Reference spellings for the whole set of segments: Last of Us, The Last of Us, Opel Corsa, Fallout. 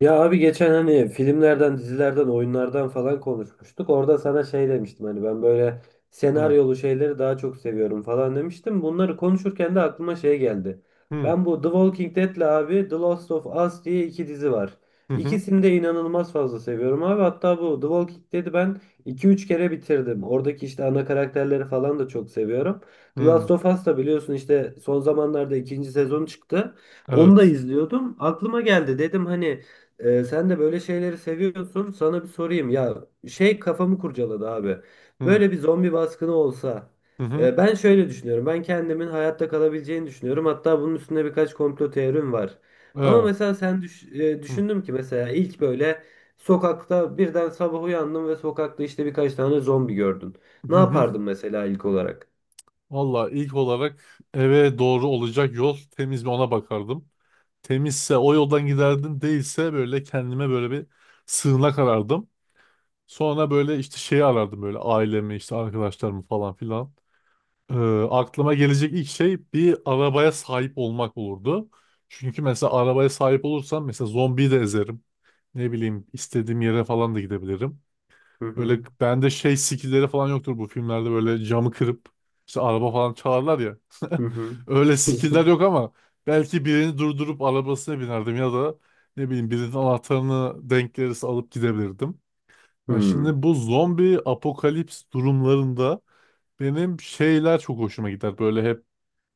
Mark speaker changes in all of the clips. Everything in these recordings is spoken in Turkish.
Speaker 1: Ya abi geçen hani filmlerden, dizilerden, oyunlardan falan konuşmuştuk. Orada sana şey demiştim hani ben böyle
Speaker 2: Hı
Speaker 1: senaryolu şeyleri daha çok seviyorum falan demiştim. Bunları konuşurken de aklıma şey geldi.
Speaker 2: hı,
Speaker 1: Ben bu The Walking Dead'le abi The Last of Us diye iki dizi var.
Speaker 2: hı hı.
Speaker 1: İkisini de inanılmaz fazla seviyorum abi. Hatta bu The Walking Dead'i ben iki üç kere bitirdim. Oradaki işte ana karakterleri falan da çok seviyorum. The
Speaker 2: Hı.
Speaker 1: Last of Us da biliyorsun işte son zamanlarda ikinci sezon çıktı. Onu da
Speaker 2: Evet.
Speaker 1: izliyordum. Aklıma geldi dedim hani sen de böyle şeyleri seviyorsun. Sana bir sorayım. Ya şey kafamı kurcaladı abi.
Speaker 2: Hı
Speaker 1: Böyle bir zombi baskını olsa.
Speaker 2: hı hı.
Speaker 1: Ben şöyle düşünüyorum. Ben kendimin hayatta kalabileceğini düşünüyorum. Hatta bunun üstünde birkaç komplo teorim var. Ama
Speaker 2: Evet.
Speaker 1: mesela
Speaker 2: Hı
Speaker 1: düşündüm ki mesela ilk böyle sokakta birden sabah uyandın ve sokakta işte birkaç tane zombi gördün. Ne
Speaker 2: hı hı.
Speaker 1: yapardın mesela ilk olarak?
Speaker 2: Valla ilk olarak eve doğru olacak yol temiz mi ona bakardım. Temizse o yoldan giderdim, değilse böyle kendime böyle bir sığınak arardım. Sonra böyle işte şeyi arardım, böyle ailemi işte arkadaşlarımı falan filan. Ee, Aklıma gelecek ilk şey bir arabaya sahip olmak olurdu. Çünkü mesela arabaya sahip olursam mesela zombiyi de ezerim. Ne bileyim, istediğim yere falan da gidebilirim.
Speaker 1: Hı hı.
Speaker 2: Böyle bende şey skillleri falan yoktur, bu filmlerde böyle camı kırıp işte araba falan çalarlar ya.
Speaker 1: Hı hı.
Speaker 2: Öyle skiller yok ama belki birini durdurup arabasına binerdim ya da ne bileyim birinin anahtarını denk gelirse alıp gidebilirdim.
Speaker 1: Hı
Speaker 2: Ya
Speaker 1: hı.
Speaker 2: şimdi bu zombi apokalips durumlarında benim şeyler çok hoşuma gider. Böyle hep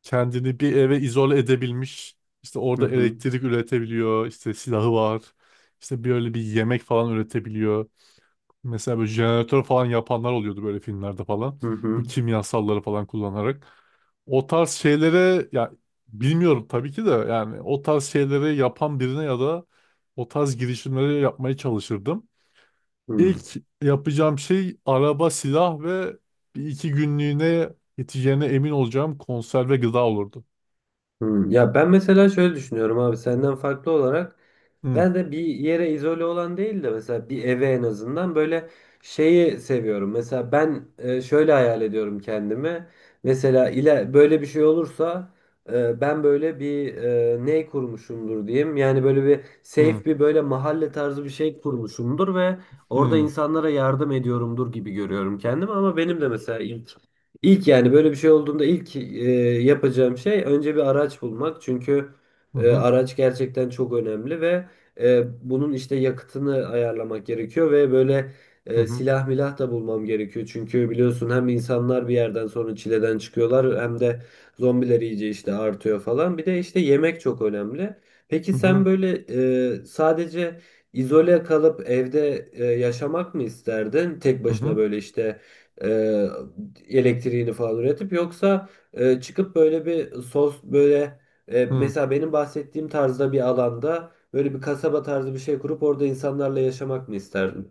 Speaker 2: kendini bir eve izole edebilmiş, işte
Speaker 1: Hı
Speaker 2: orada
Speaker 1: hı.
Speaker 2: elektrik üretebiliyor, işte silahı var. İşte böyle bir yemek falan üretebiliyor. Mesela böyle jeneratör falan yapanlar oluyordu böyle filmlerde falan.
Speaker 1: Hı
Speaker 2: Bu
Speaker 1: hı.
Speaker 2: kimyasalları falan kullanarak. O tarz şeylere ya, bilmiyorum tabii ki de, yani o tarz şeyleri yapan birine ya da o tarz girişimleri yapmaya çalışırdım.
Speaker 1: Hı.
Speaker 2: İlk yapacağım şey araba, silah ve bir iki günlüğüne yeteceğine emin olacağım konserve gıda olurdu.
Speaker 1: Hmm. Ya ben mesela şöyle düşünüyorum abi senden farklı olarak.
Speaker 2: Hı
Speaker 1: Ben de bir yere izole olan değil de mesela bir eve en azından böyle şeyi seviyorum. Mesela ben şöyle hayal ediyorum kendimi. Mesela ile böyle bir şey olursa ben böyle bir ne kurmuşumdur diyeyim. Yani böyle bir
Speaker 2: hı
Speaker 1: safe bir böyle mahalle tarzı bir şey kurmuşumdur ve orada
Speaker 2: hı,
Speaker 1: insanlara yardım ediyorumdur gibi görüyorum kendimi. Ama benim de mesela ilk yani böyle bir şey olduğunda ilk yapacağım şey önce bir araç bulmak. Çünkü
Speaker 2: hı
Speaker 1: araç gerçekten çok önemli ve e, bunun işte yakıtını ayarlamak gerekiyor ve böyle
Speaker 2: hı, hı
Speaker 1: silah milah da bulmam gerekiyor. Çünkü biliyorsun hem insanlar bir yerden sonra çileden çıkıyorlar hem de zombiler iyice işte artıyor falan. Bir de işte yemek çok önemli. Peki sen
Speaker 2: hı,
Speaker 1: böyle sadece izole kalıp evde yaşamak mı isterdin? Tek
Speaker 2: hı
Speaker 1: başına
Speaker 2: hı.
Speaker 1: böyle işte e, elektriğini falan üretip yoksa çıkıp böyle bir sos böyle
Speaker 2: Hı.
Speaker 1: mesela benim bahsettiğim tarzda bir alanda böyle bir kasaba tarzı bir şey kurup orada insanlarla yaşamak mı isterdin?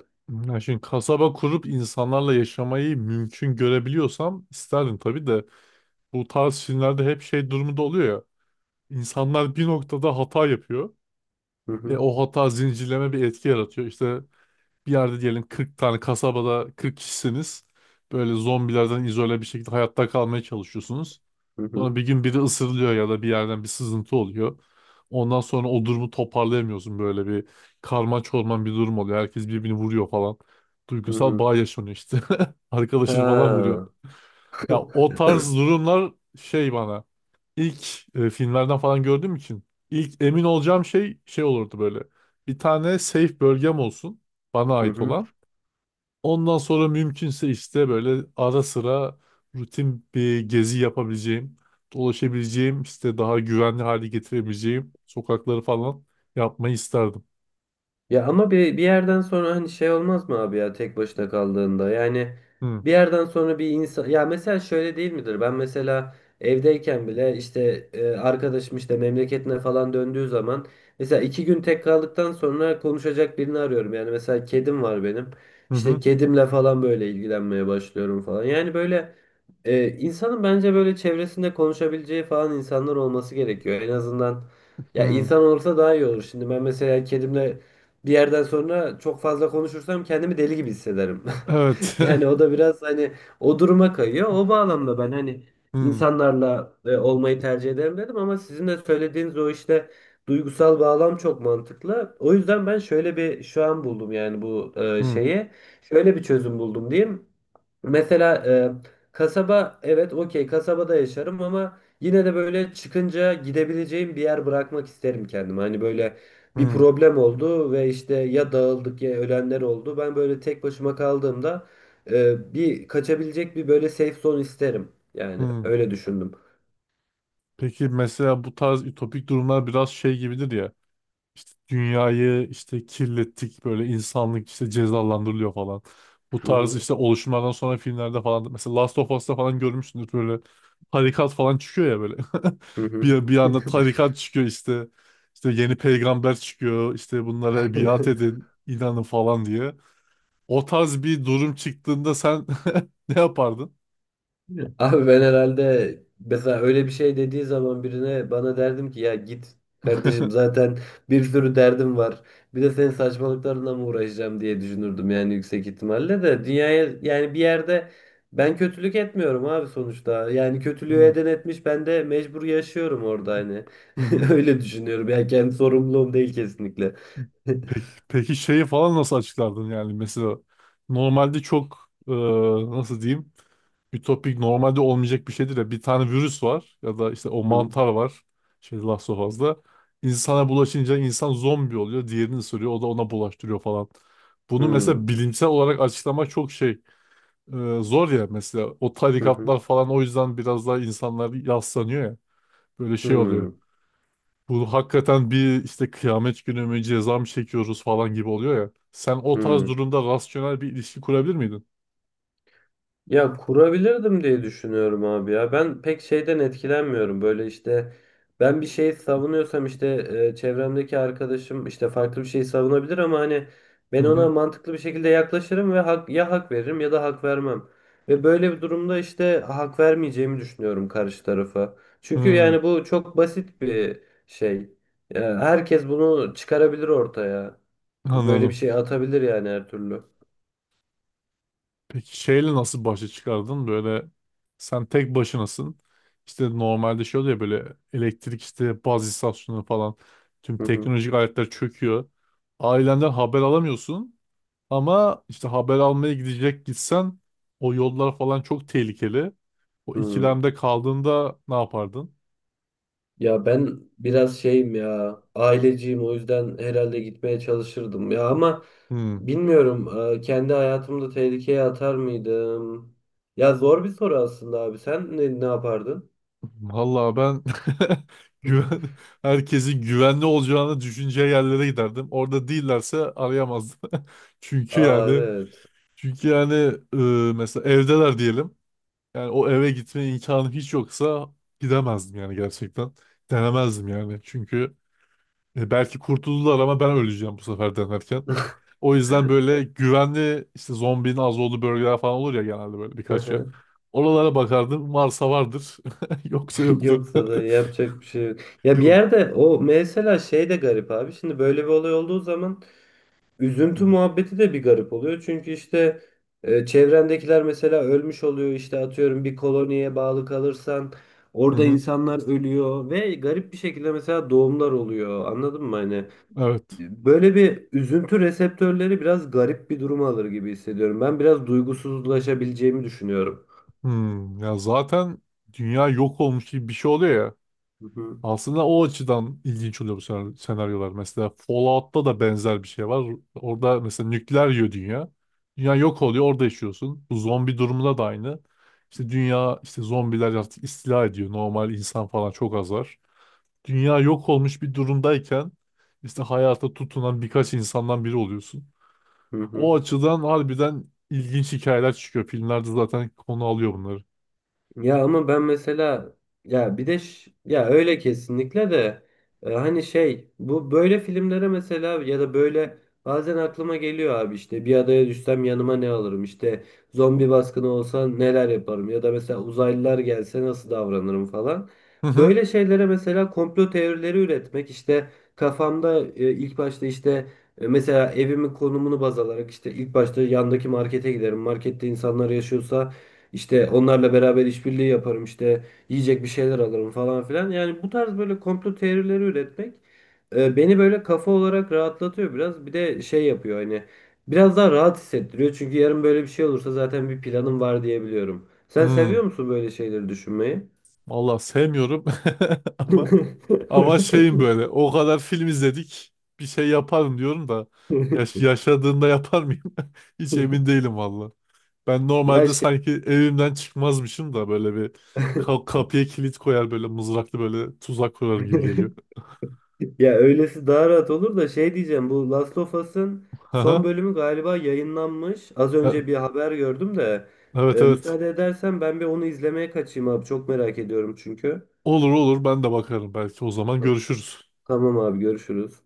Speaker 2: Ya şimdi kasaba kurup insanlarla yaşamayı mümkün görebiliyorsam isterdim tabii de bu tarz filmlerde hep şey durumunda oluyor ya. İnsanlar bir noktada hata yapıyor
Speaker 1: Hı
Speaker 2: ve
Speaker 1: hı.
Speaker 2: o hata zincirleme bir etki yaratıyor. İşte bir yerde diyelim 40 tane kasabada 40 kişisiniz. Böyle zombilerden izole bir şekilde hayatta kalmaya çalışıyorsunuz.
Speaker 1: Hı hı.
Speaker 2: Sonra bir gün biri ısırılıyor ya da bir yerden bir sızıntı oluyor. Ondan sonra o durumu toparlayamıyorsun, böyle bir karma çorman bir durum oluyor. Herkes birbirini vuruyor falan.
Speaker 1: Hı
Speaker 2: Duygusal
Speaker 1: hı.
Speaker 2: bağ yaşanıyor işte. Arkadaşını falan vuruyor.
Speaker 1: Ha.
Speaker 2: Ya o tarz durumlar şey bana ilk filmlerden falan gördüğüm için ilk emin olacağım şey şey olurdu böyle. Bir tane safe bölgem olsun, bana
Speaker 1: Hı
Speaker 2: ait
Speaker 1: hı.
Speaker 2: olan. Ondan sonra mümkünse işte böyle ara sıra rutin bir gezi yapabileceğim, dolaşabileceğim, işte daha güvenli hale getirebileceğim sokakları falan yapmayı isterdim.
Speaker 1: Ya ama bir yerden sonra hani şey olmaz mı abi ya tek başına kaldığında? Yani
Speaker 2: Hı
Speaker 1: bir yerden sonra bir insan ya mesela şöyle değil midir? Ben mesela evdeyken bile işte arkadaşım işte memleketine falan döndüğü zaman mesela iki gün tek kaldıktan sonra konuşacak birini arıyorum. Yani mesela kedim var benim.
Speaker 2: hı,
Speaker 1: İşte
Speaker 2: hı.
Speaker 1: kedimle falan böyle ilgilenmeye başlıyorum falan. Yani böyle insanın bence böyle çevresinde konuşabileceği falan insanlar olması gerekiyor. En azından ya
Speaker 2: Hı.
Speaker 1: insan olursa daha iyi olur. Şimdi ben mesela kedimle bir yerden sonra çok fazla konuşursam kendimi deli gibi hissederim.
Speaker 2: Evet.
Speaker 1: Yani o da biraz hani o duruma kayıyor. O bağlamda ben hani
Speaker 2: Hı
Speaker 1: insanlarla olmayı tercih ederim dedim ama sizin de söylediğiniz o işte duygusal bağlam çok mantıklı. O yüzden ben şöyle bir şu an buldum yani bu
Speaker 2: hı,
Speaker 1: şeyi. Şöyle bir çözüm buldum diyeyim. Mesela kasaba evet okey kasabada yaşarım ama yine de böyle çıkınca gidebileceğim bir yer bırakmak isterim kendime. Hani böyle bir
Speaker 2: hı
Speaker 1: problem oldu ve işte ya dağıldık ya ölenler oldu. Ben böyle tek başıma kaldığımda bir kaçabilecek bir böyle safe zone isterim. Yani
Speaker 2: hı.
Speaker 1: öyle düşündüm.
Speaker 2: Peki mesela bu tarz ütopik durumlar biraz şey gibidir ya. İşte dünyayı işte kirlettik, böyle insanlık işte cezalandırılıyor falan. Bu
Speaker 1: Hı
Speaker 2: tarz
Speaker 1: hı.
Speaker 2: işte oluşumlardan sonra filmlerde falan, mesela Last of Us'ta falan görmüşsündür, böyle tarikat falan çıkıyor ya böyle.
Speaker 1: Hı hı.
Speaker 2: Bir, bir anda tarikat çıkıyor işte. İşte yeni peygamber çıkıyor işte, bunlara biat edin inanın falan diye. O tarz bir durum çıktığında sen ne yapardın?
Speaker 1: Abi ben herhalde mesela öyle bir şey dediği zaman birine bana derdim ki ya git kardeşim zaten bir sürü derdim var. Bir de senin saçmalıklarınla mı uğraşacağım diye düşünürdüm yani yüksek ihtimalle de dünyaya yani bir yerde ben kötülük etmiyorum abi sonuçta. Yani kötülüğü
Speaker 2: Hı
Speaker 1: eden etmiş ben de mecbur yaşıyorum orada hani.
Speaker 2: hı. Hı.
Speaker 1: Öyle düşünüyorum yani kendi sorumluluğum değil kesinlikle.
Speaker 2: Peki, peki şeyi falan nasıl açıklardın, yani mesela normalde çok nasıl diyeyim, ütopik, normalde olmayacak bir şeydir ya. Bir tane virüs var ya da işte o
Speaker 1: Hı
Speaker 2: mantar var. Şey Last of Us'da. İnsana bulaşınca insan zombi oluyor. Diğerini ısırıyor. O da ona bulaştırıyor falan. Bunu
Speaker 1: hı,
Speaker 2: mesela bilimsel olarak açıklamak çok şey, zor ya. Mesela o
Speaker 1: hı
Speaker 2: tarikatlar falan o yüzden biraz daha insanlar yaslanıyor ya. Böyle
Speaker 1: hı,
Speaker 2: şey oluyor.
Speaker 1: hı
Speaker 2: Bu hakikaten bir işte kıyamet günü mü, ceza mı çekiyoruz falan gibi oluyor ya. Sen o tarz
Speaker 1: hı.
Speaker 2: durumda rasyonel bir ilişki kurabilir miydin?
Speaker 1: Ya kurabilirdim diye düşünüyorum abi ya. Ben pek şeyden etkilenmiyorum. Böyle işte ben bir şey savunuyorsam işte çevremdeki arkadaşım işte farklı bir şey savunabilir ama hani
Speaker 2: Hı
Speaker 1: ben ona
Speaker 2: hı.
Speaker 1: mantıklı bir şekilde yaklaşırım ve hak, ya hak veririm ya da hak vermem. Ve böyle bir durumda işte hak vermeyeceğimi düşünüyorum karşı tarafa. Çünkü
Speaker 2: Hı,
Speaker 1: yani bu çok basit bir şey. Ya herkes bunu çıkarabilir ortaya. Böyle bir
Speaker 2: anladım.
Speaker 1: şey atabilir yani her türlü.
Speaker 2: Peki şeyle nasıl başa çıkardın? Böyle sen tek başınasın. İşte normalde şey oluyor ya, böyle elektrik, işte baz istasyonu falan, tüm
Speaker 1: Hı hı.
Speaker 2: teknolojik aletler çöküyor. Ailenden haber alamıyorsun ama işte haber almaya gidecek, gitsen o yollar falan çok tehlikeli. O
Speaker 1: Hı.
Speaker 2: ikilemde kaldığında ne yapardın?
Speaker 1: Ya ben biraz şeyim ya aileciyim o yüzden herhalde gitmeye çalışırdım ya ama
Speaker 2: Hmm.
Speaker 1: bilmiyorum kendi hayatımda tehlikeye atar mıydım? Ya zor bir soru aslında abi sen ne yapardın?
Speaker 2: Vallahi ben güven, herkesin güvenli olacağını düşüneceği yerlere giderdim. Orada değillerse arayamazdım. Çünkü
Speaker 1: Aa
Speaker 2: yani
Speaker 1: evet.
Speaker 2: Çünkü yani mesela evdeler diyelim. Yani o eve gitme imkanım hiç yoksa gidemezdim yani, gerçekten. Denemezdim yani. Çünkü belki kurtuldular ama ben öleceğim bu sefer denerken. O yüzden böyle güvenli, işte zombinin az olduğu bölgeler falan olur ya genelde, böyle birkaç yer. Oralara bakardım. Varsa vardır. Yoksa yoktur.
Speaker 1: Yoksa da yapacak bir şey yok. Ya bir
Speaker 2: Yok.
Speaker 1: yerde o mesela şey de garip abi. Şimdi böyle bir olay olduğu zaman üzüntü muhabbeti de bir garip oluyor. Çünkü işte çevrendekiler mesela ölmüş oluyor. İşte atıyorum bir koloniye bağlı kalırsan
Speaker 2: Hı
Speaker 1: orada
Speaker 2: hı.
Speaker 1: insanlar ölüyor ve garip bir şekilde mesela doğumlar oluyor. Anladın mı? Hani
Speaker 2: Evet.
Speaker 1: böyle bir üzüntü reseptörleri biraz garip bir durum alır gibi hissediyorum. Ben biraz duygusuzlaşabileceğimi düşünüyorum.
Speaker 2: Hmm. Ya zaten dünya yok olmuş gibi bir şey oluyor ya.
Speaker 1: Hı hı.
Speaker 2: Aslında o açıdan ilginç oluyor bu senaryolar. Mesela Fallout'ta da benzer bir şey var. Orada mesela nükleer yiyor dünya. Dünya yok oluyor, orada yaşıyorsun. Bu zombi durumunda da aynı. İşte dünya, işte zombiler artık istila ediyor. Normal insan falan çok az var. Dünya yok olmuş bir durumdayken işte hayata tutunan birkaç insandan biri oluyorsun.
Speaker 1: Hı hı.
Speaker 2: O açıdan harbiden ilginç hikayeler çıkıyor. Filmlerde zaten konu alıyor bunları.
Speaker 1: Ya ama ben mesela ya bir de ya öyle kesinlikle de hani şey bu böyle filmlere mesela ya da böyle bazen aklıma geliyor abi işte bir adaya düşsem yanıma ne alırım işte zombi baskını olsa neler yaparım ya da mesela uzaylılar gelse nasıl davranırım falan.
Speaker 2: Hı hı.
Speaker 1: Böyle şeylere mesela komplo teorileri üretmek işte kafamda ilk başta işte mesela evimin konumunu baz alarak işte ilk başta yandaki markete giderim. Markette insanlar yaşıyorsa işte onlarla beraber işbirliği yaparım işte yiyecek bir şeyler alırım falan filan. Yani bu tarz böyle komplo teorileri üretmek beni böyle kafa olarak rahatlatıyor biraz. Bir de şey yapıyor hani biraz daha rahat hissettiriyor. Çünkü yarın böyle bir şey olursa zaten bir planım var diyebiliyorum. Sen
Speaker 2: Hı.
Speaker 1: seviyor musun böyle şeyleri düşünmeyi?
Speaker 2: Vallahi sevmiyorum ama ama şeyim, böyle o kadar film izledik bir şey yaparım diyorum da yaşadığında yapar mıyım? Hiç emin değilim valla. Ben
Speaker 1: Ya
Speaker 2: normalde
Speaker 1: şey.
Speaker 2: sanki evimden çıkmazmışım da böyle bir kapıya kilit koyar, böyle mızraklı böyle tuzak kurarım gibi geliyor.
Speaker 1: Ya öylesi daha rahat olur da şey diyeceğim bu Last of Us'ın son
Speaker 2: Aha.
Speaker 1: bölümü galiba yayınlanmış. Az önce
Speaker 2: E-
Speaker 1: bir haber gördüm de
Speaker 2: Evet evet.
Speaker 1: müsaade edersen ben bir onu izlemeye kaçayım abi çok merak ediyorum çünkü.
Speaker 2: Olur olur, ben de bakarım, belki o zaman görüşürüz.
Speaker 1: Tamam abi görüşürüz.